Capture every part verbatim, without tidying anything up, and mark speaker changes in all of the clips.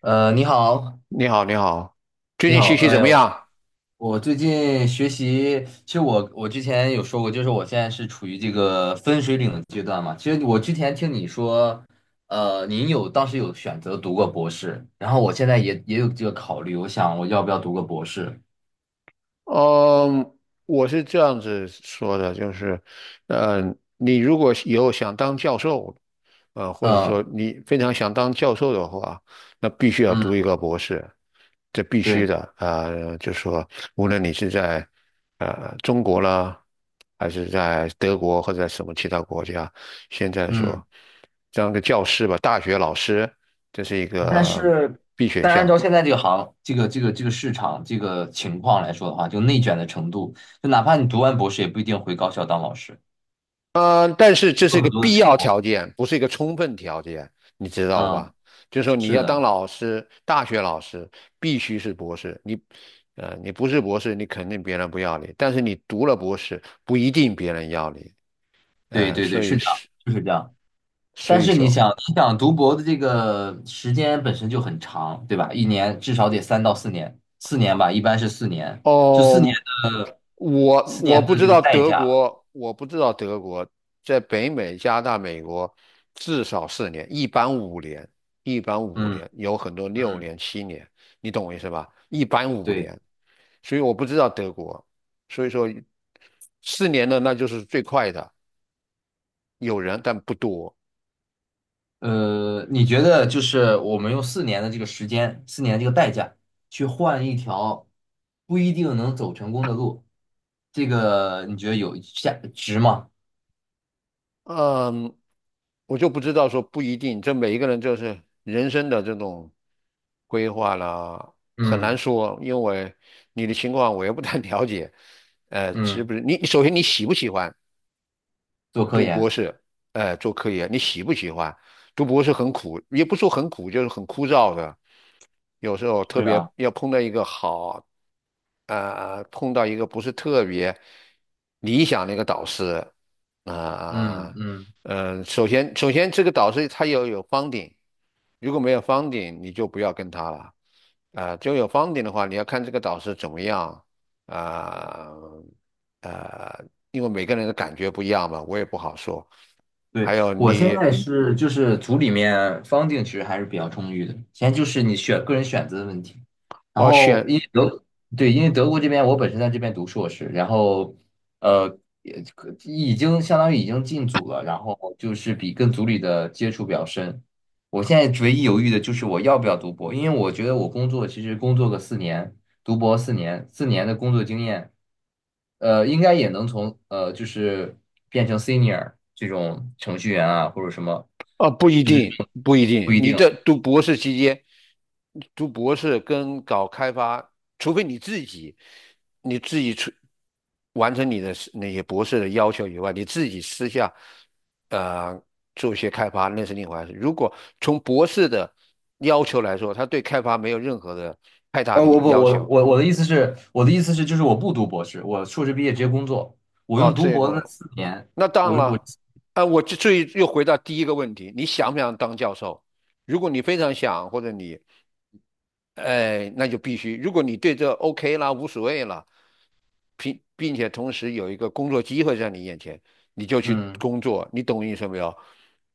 Speaker 1: 呃，你好，
Speaker 2: 你好，你好，最
Speaker 1: 你
Speaker 2: 近
Speaker 1: 好，
Speaker 2: 学习
Speaker 1: 哎
Speaker 2: 怎么
Speaker 1: 呦。
Speaker 2: 样？
Speaker 1: 我最近学习，其实我我之前有说过，就是我现在是处于这个分水岭的阶段嘛。其实我之前听你说，呃，您有当时有选择读过博士，然后我现在也也有这个考虑，我想我要不要读个博士？
Speaker 2: 嗯，我是这样子说的，就是，嗯，你如果以后想当教授，呃，或者
Speaker 1: 嗯
Speaker 2: 说你非常想当教授的话，那必须要读一
Speaker 1: 嗯，
Speaker 2: 个博士，这必须
Speaker 1: 对，
Speaker 2: 的。呃，就说无论你是在呃中国啦，还是在德国或者在什么其他国家，现在
Speaker 1: 嗯，
Speaker 2: 说当个教师吧，大学老师，这是一
Speaker 1: 但
Speaker 2: 个
Speaker 1: 是
Speaker 2: 必选
Speaker 1: 但是按
Speaker 2: 项。
Speaker 1: 照现在这个行这个这个这个市场这个情况来说的话，就内卷的程度，就哪怕你读完博士，也不一定回高校当老师，
Speaker 2: 嗯，但是这是一
Speaker 1: 有
Speaker 2: 个
Speaker 1: 很多的
Speaker 2: 必
Speaker 1: 成
Speaker 2: 要
Speaker 1: 果。
Speaker 2: 条件，不是一个充分条件，你知道
Speaker 1: 嗯，
Speaker 2: 吧？就是说你
Speaker 1: 是
Speaker 2: 要当
Speaker 1: 的。
Speaker 2: 老师，大学老师必须是博士，你，呃，你不是博士，你肯定别人不要你，但是你读了博士，不一定别人要你，
Speaker 1: 对
Speaker 2: 呃，
Speaker 1: 对对，
Speaker 2: 所
Speaker 1: 是
Speaker 2: 以
Speaker 1: 这样，
Speaker 2: 是，
Speaker 1: 就是这样。
Speaker 2: 所
Speaker 1: 但
Speaker 2: 以
Speaker 1: 是你
Speaker 2: 说，
Speaker 1: 想，你想读博的这个时间本身就很长，对吧？一年至少得三到四年，四年吧，一般是四年。就四年
Speaker 2: 哦。
Speaker 1: 的，
Speaker 2: 我
Speaker 1: 四
Speaker 2: 我
Speaker 1: 年
Speaker 2: 不
Speaker 1: 的
Speaker 2: 知
Speaker 1: 这个
Speaker 2: 道
Speaker 1: 代
Speaker 2: 德
Speaker 1: 价。
Speaker 2: 国，我不知道德国在北美、加拿大、美国至少四年，一般五年，一般五
Speaker 1: 嗯
Speaker 2: 年，有很多六
Speaker 1: 嗯，
Speaker 2: 年、七年，你懂我意思吧？一般五
Speaker 1: 对。
Speaker 2: 年，所以我不知道德国，所以说四年的那就是最快的，有人但不多。
Speaker 1: 呃，你觉得就是我们用四年的这个时间，四年这个代价，去换一条不一定能走成功的路，这个你觉得有价值吗？
Speaker 2: 嗯，我就不知道说不一定，这每一个人就是人生的这种规划啦，很难
Speaker 1: 嗯
Speaker 2: 说，因为你的情况我也不太 了解。呃，是
Speaker 1: 嗯，
Speaker 2: 不是你首先你喜不喜欢？
Speaker 1: 做科
Speaker 2: 读博
Speaker 1: 研，
Speaker 2: 士，呃，做科研，你喜不喜欢？读博士很苦，也不说很苦，就是很枯燥的。有时候特
Speaker 1: 是
Speaker 2: 别
Speaker 1: 啊。
Speaker 2: 要碰到一个好，呃，碰到一个不是特别理想的一个导师，
Speaker 1: 嗯
Speaker 2: 啊、
Speaker 1: 嗯，
Speaker 2: 呃，首先，首先这个导师他要有方 u， 如果没有方 u 你就不要跟他了。啊、就有方 u 的话，你要看这个导师怎么样，啊、呃呃，因为每个人的感觉不一样嘛，我也不好说。
Speaker 1: 对，
Speaker 2: 还有
Speaker 1: 我现
Speaker 2: 你
Speaker 1: 在是就是组里面方 u 其实还是比较充裕的，现在就是你选个人选择的问题。然
Speaker 2: 哦，
Speaker 1: 后因
Speaker 2: 选
Speaker 1: 为德，对，因为德国这边我本身在这边读硕士，然后呃也可已经相当于已经进组了，然后就是比跟组里的接触比较深。我现在唯一犹豫的就是我要不要读博，因为我觉得我工作其实工作个四年，读博四年，四年的工作经验。呃，应该也能从呃，就是变成 senior 这种程序员啊，或者什么，
Speaker 2: 哦，不一
Speaker 1: 就是
Speaker 2: 定，不一
Speaker 1: 不
Speaker 2: 定。
Speaker 1: 一
Speaker 2: 你
Speaker 1: 定。
Speaker 2: 这读博士期间，读博士跟搞开发，除非你自己，你自己出完成你的是那些博士的要求以外，你自己私下呃做一些开发，那是另外回事。如果从博士的要求来说，他对开发没有任何的太大
Speaker 1: 呃，
Speaker 2: 的
Speaker 1: 我不，
Speaker 2: 要
Speaker 1: 我
Speaker 2: 求。
Speaker 1: 我我的意思是，我的意思是，就是我不读博士，我硕士毕业直接工作，我
Speaker 2: 哦，
Speaker 1: 用读
Speaker 2: 这
Speaker 1: 博的那
Speaker 2: 个
Speaker 1: 四年，
Speaker 2: 那当然
Speaker 1: 我我
Speaker 2: 了，呃，我就最又回到第一个问题，你想不想当教授？如果你非常想，或者你，哎、那就必须。如果你对这 OK 啦，无所谓了，并并且同时有一个工作机会在你眼前，你就去
Speaker 1: 嗯。
Speaker 2: 工作。你懂我意思没有？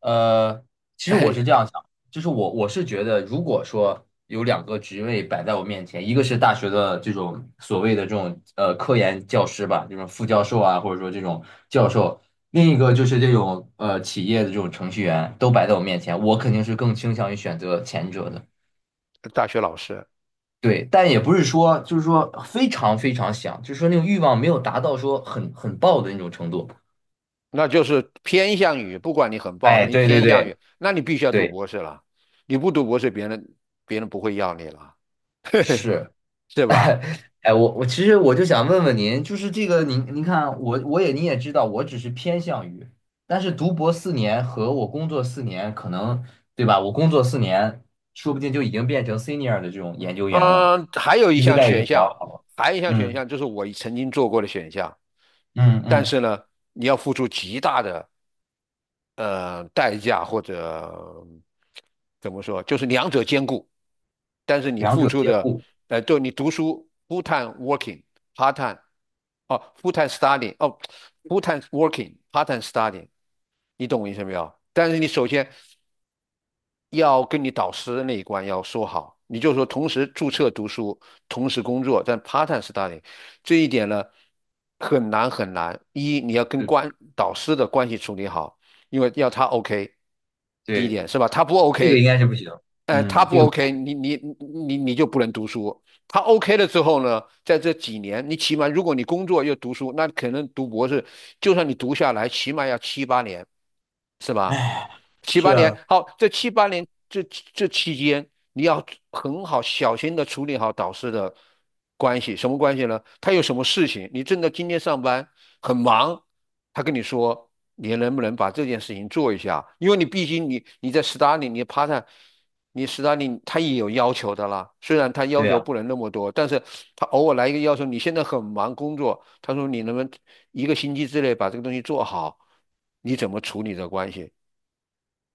Speaker 1: 呃，其 实我是
Speaker 2: 哎，
Speaker 1: 这样想，就是我我是觉得，如果说有两个职位摆在我面前，一个是大学的这种所谓的这种呃科研教师吧，这种副教授啊，或者说这种教授，另一个就是这种呃企业的这种程序员，都摆在我面前，我肯定是更倾向于选择前者的。
Speaker 2: 大学老师，
Speaker 1: 对，但也不是说就是说非常非常想，就是说那种欲望没有达到说很很爆的那种程度。
Speaker 2: 那就是偏向于，不管你很爆，
Speaker 1: 哎，
Speaker 2: 你
Speaker 1: 对对
Speaker 2: 偏向
Speaker 1: 对
Speaker 2: 于，那你必须要读
Speaker 1: 对，
Speaker 2: 博士了。你不读博士，别人别人不会要你了，
Speaker 1: 是。
Speaker 2: 对吧？
Speaker 1: 哎，我我其实我就想问问您，就是这个您您看啊我我也您也知道，我只是偏向于，但是读博四年和我工作四年，可能对吧？我工作四年，说不定就已经变成 senior 的这种研究员了，
Speaker 2: 嗯，还有一
Speaker 1: 薪资
Speaker 2: 项
Speaker 1: 待遇就
Speaker 2: 选
Speaker 1: 比较
Speaker 2: 项，
Speaker 1: 好了。
Speaker 2: 还有一项选
Speaker 1: 嗯
Speaker 2: 项就是我曾经做过的选项，
Speaker 1: 嗯
Speaker 2: 但
Speaker 1: 嗯，
Speaker 2: 是呢，你要付出极大的呃代价或者怎么说，就是两者兼顾，但是你
Speaker 1: 两
Speaker 2: 付
Speaker 1: 者
Speaker 2: 出
Speaker 1: 兼
Speaker 2: 的，
Speaker 1: 顾，
Speaker 2: 呃，就你读书 full time working part time，哦 full time studying，哦 full time working part time studying，你懂我意思没有？但是你首先要跟你导师那一关要说好，你就说同时注册读书，同时工作，但 part time study 这一点呢很难很难。一你要跟
Speaker 1: 对
Speaker 2: 关导师的关系处理好，因为要他 OK，第一
Speaker 1: 对，
Speaker 2: 点是吧？他不
Speaker 1: 这个
Speaker 2: OK，
Speaker 1: 应该是不行。
Speaker 2: 呃，他
Speaker 1: 嗯，
Speaker 2: 不
Speaker 1: 这个
Speaker 2: OK，你你你你你就不能读书，他 OK 了之后呢，在这几年，你起码如果你工作又读书，那可能读博士，就算你读下来，起码要七八年，是吧？七
Speaker 1: 是
Speaker 2: 八年，
Speaker 1: 啊，
Speaker 2: 好，这七八年这这期间，你要很好小心的处理好导师的关系，什么关系呢？他有什么事情，你正在今天上班很忙，他跟你说你能不能把这件事情做一下，因为你毕竟你你在斯大林，你趴在你斯大林他也有要求的啦，虽然他要
Speaker 1: 对
Speaker 2: 求
Speaker 1: 啊，
Speaker 2: 不能那么多，但是他偶尔来一个要求，你现在很忙工作，他说你能不能一个星期之内把这个东西做好，你怎么处理这关系？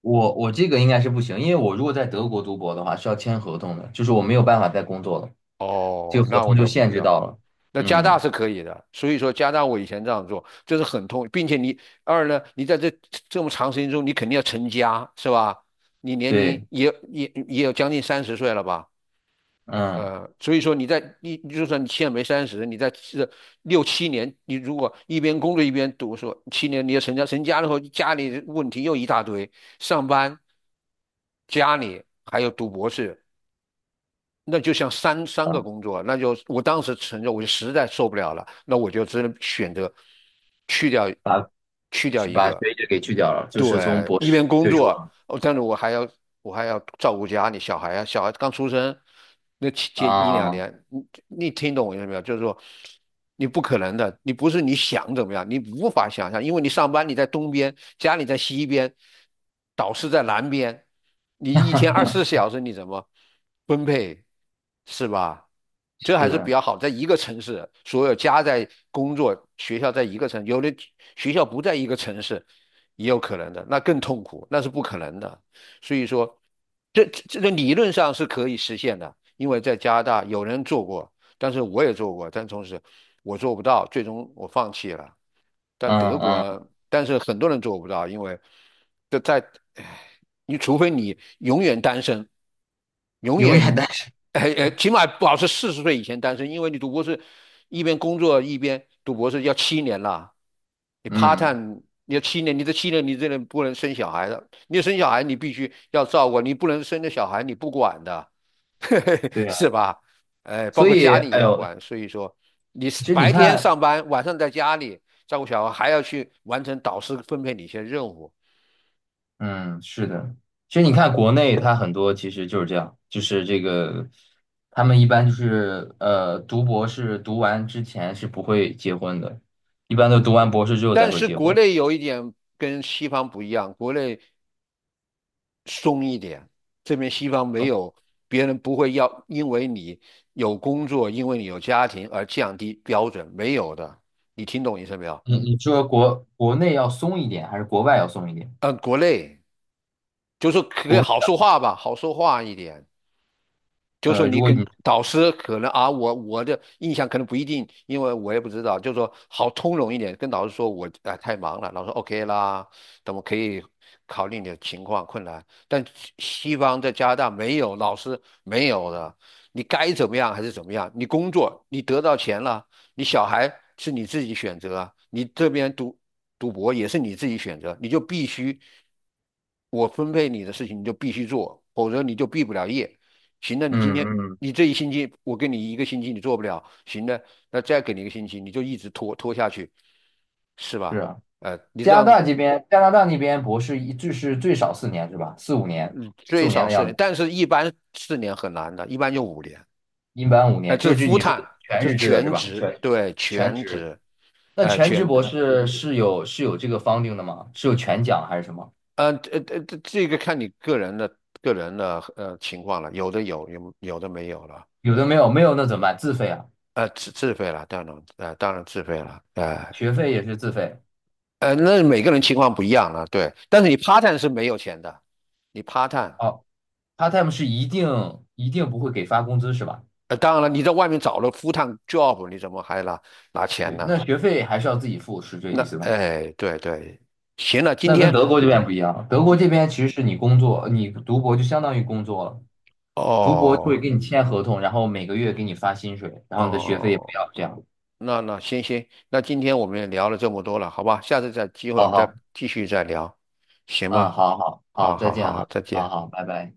Speaker 1: 我我这个应该是不行，因为我如果在德国读博的话是要签合同的，就是我没有办法再工作了，这个
Speaker 2: 哦，
Speaker 1: 合
Speaker 2: 那我
Speaker 1: 同就
Speaker 2: 就不
Speaker 1: 限
Speaker 2: 知
Speaker 1: 制到
Speaker 2: 道。
Speaker 1: 了。
Speaker 2: 那加大
Speaker 1: 嗯。
Speaker 2: 是可以的，所以说加大我以前这样做，这是很痛，并且你二呢，你在这这么长时间中，你肯定要成家，是吧？你年
Speaker 1: 对，
Speaker 2: 龄也也也有将近三十岁了吧？
Speaker 1: 嗯，
Speaker 2: 呃，所以说你在你就算你现在没三十，你在这六七年，你如果一边工作一边读书，七年你要成家，成家了后家里问题又一大堆，上班、家里还有读博士，那就像三三个工
Speaker 1: 把
Speaker 2: 作，那就我当时承认，我就实在受不了了，那我就只能选择去掉，
Speaker 1: 把
Speaker 2: 去掉
Speaker 1: 去
Speaker 2: 一
Speaker 1: 把
Speaker 2: 个。
Speaker 1: 学者给去掉了，就是从
Speaker 2: 对，
Speaker 1: 博
Speaker 2: 一
Speaker 1: 士
Speaker 2: 边工
Speaker 1: 退出
Speaker 2: 作，
Speaker 1: 了。
Speaker 2: 哦，但是我还要我还要照顾家里小孩啊，小孩刚出生，那前一两
Speaker 1: 啊，
Speaker 2: 年，你你听懂我意思没有？就是说，你不可能的，你不是你想怎么样，你无法想象，因为你上班你在东边，家里在西边，导师在南边，你一天二十四小时你怎么分配？是吧？这还是比
Speaker 1: 是，
Speaker 2: 较好，在一个城市，所有家在工作，学校在一个城，有的学校不在一个城市，也有可能的，那更痛苦，那是不可能的。所以说，这这个理论上是可以实现的，因为在加拿大有人做过，但是我也做过，但同时我做不到，最终我放弃了。但德
Speaker 1: 嗯
Speaker 2: 国
Speaker 1: 嗯，
Speaker 2: 啊，但是很多人做不到，因为这在，唉你除非你永远单身，永
Speaker 1: 永远
Speaker 2: 远，
Speaker 1: 单身。
Speaker 2: 哎哎，起码保持四十岁以前单身，因为你读博士，一边工作一边读博士要七年了，你 part
Speaker 1: 嗯，
Speaker 2: time 你要七年，你这七年你这人不能生小孩的，你生小孩你必须要照顾，你不能生了小孩你不管的，
Speaker 1: 对
Speaker 2: 是
Speaker 1: 啊，
Speaker 2: 吧？哎，包
Speaker 1: 所
Speaker 2: 括
Speaker 1: 以，
Speaker 2: 家里也
Speaker 1: 哎
Speaker 2: 要
Speaker 1: 呦，
Speaker 2: 管，所以说你
Speaker 1: 其实你
Speaker 2: 白天
Speaker 1: 看，
Speaker 2: 上班，晚上在家里照顾小孩，还要去完成导师分配你一些任务。
Speaker 1: 嗯，是的，其实你看国内它很多其实就是这样，就是这个，他们一般就是呃，读博士读完之前是不会结婚的，一般都读完博士之后才
Speaker 2: 但
Speaker 1: 会
Speaker 2: 是
Speaker 1: 结
Speaker 2: 国
Speaker 1: 婚。
Speaker 2: 内有一点跟西方不一样，国内松一点，这边西方没
Speaker 1: 哦，
Speaker 2: 有，别人不会要因为你有工作，因为你有家庭而降低标准，没有的。你听懂意思没有？
Speaker 1: 你你说国国内要松一点，还是国外要松一点？
Speaker 2: 嗯，国内就是可以
Speaker 1: 国内
Speaker 2: 好
Speaker 1: 要
Speaker 2: 说话吧，好说话一点。就是说
Speaker 1: 呃，
Speaker 2: 你
Speaker 1: 如果
Speaker 2: 跟
Speaker 1: 你
Speaker 2: 导师可能啊，我我的印象可能不一定，因为我也不知道，就是说好通融一点，跟导师说我啊、太忙了，老师 OK 啦，等我可以考虑你的情况困难。但西西方在加拿大没有，老师没有的，你该怎么样还是怎么样，你工作你得到钱了，你小孩是你自己选择啊，你这边读读博也是你自己选择，你就必须我分配你的事情你就必须做，否则你就毕不了业。行了，你今天
Speaker 1: 嗯嗯，
Speaker 2: 你这一星期，我给你一个星期，你做不了，行了，那再给你一个星期，你就一直拖拖下去，是
Speaker 1: 是
Speaker 2: 吧？
Speaker 1: 啊。
Speaker 2: 呃，你这
Speaker 1: 加拿
Speaker 2: 样子，
Speaker 1: 大这边，加拿大那边博士一就是最少四年是吧？四五年，
Speaker 2: 嗯
Speaker 1: 四
Speaker 2: 最
Speaker 1: 五年
Speaker 2: 少
Speaker 1: 的
Speaker 2: 四
Speaker 1: 样
Speaker 2: 年，
Speaker 1: 子，
Speaker 2: 但是一般四年很难的，一般就五年。
Speaker 1: 一般五
Speaker 2: 哎、
Speaker 1: 年，就
Speaker 2: 这
Speaker 1: 是
Speaker 2: 是
Speaker 1: 就
Speaker 2: full
Speaker 1: 你说
Speaker 2: time，
Speaker 1: 的全
Speaker 2: 这是
Speaker 1: 日制的是
Speaker 2: 全
Speaker 1: 吧？
Speaker 2: 职，
Speaker 1: 全
Speaker 2: 对，
Speaker 1: 全
Speaker 2: 全
Speaker 1: 职，
Speaker 2: 职，
Speaker 1: 那
Speaker 2: 哎、
Speaker 1: 全职
Speaker 2: 全
Speaker 1: 博
Speaker 2: 职，
Speaker 1: 士是有是有这个 funding 的吗？是有全奖还是什么？
Speaker 2: 呃，呃，呃这这个看你个人的个人的呃情况了，有的有，有有的没有了，
Speaker 1: 有的没有，没有那怎么办？自费啊，
Speaker 2: 呃，自自费了，当然，呃，当然自费了，哎、
Speaker 1: 学费也是自费。
Speaker 2: 呃，那每个人情况不一样了，对。但是你 part time 是没有钱的，你 part time，
Speaker 1: 哦，part time 是一定一定不会给发工资是吧？
Speaker 2: 呃，当然了，你在外面找了 full time job，你怎么还拿拿钱
Speaker 1: 对，
Speaker 2: 呢？
Speaker 1: 那学费还是要自己付，是这
Speaker 2: 那，
Speaker 1: 意思吗？
Speaker 2: 哎，对对，行了，今
Speaker 1: 那跟
Speaker 2: 天，
Speaker 1: 德国这边不一样，德国这边其实是你工作，你读博就相当于工作了。读博就会
Speaker 2: 哦
Speaker 1: 给你签合同，然后每个月给你发薪水，然后你的学费也不
Speaker 2: 哦，
Speaker 1: 要，这样。
Speaker 2: 那那行行，那今天我们也聊了这么多了，好吧？下次再机会我
Speaker 1: 好
Speaker 2: 们再
Speaker 1: 好，
Speaker 2: 继续再聊，行
Speaker 1: 嗯，
Speaker 2: 吧？
Speaker 1: 好好好，
Speaker 2: 好
Speaker 1: 再
Speaker 2: 好
Speaker 1: 见
Speaker 2: 好，
Speaker 1: 哈，
Speaker 2: 再
Speaker 1: 好
Speaker 2: 见。
Speaker 1: 好，拜拜。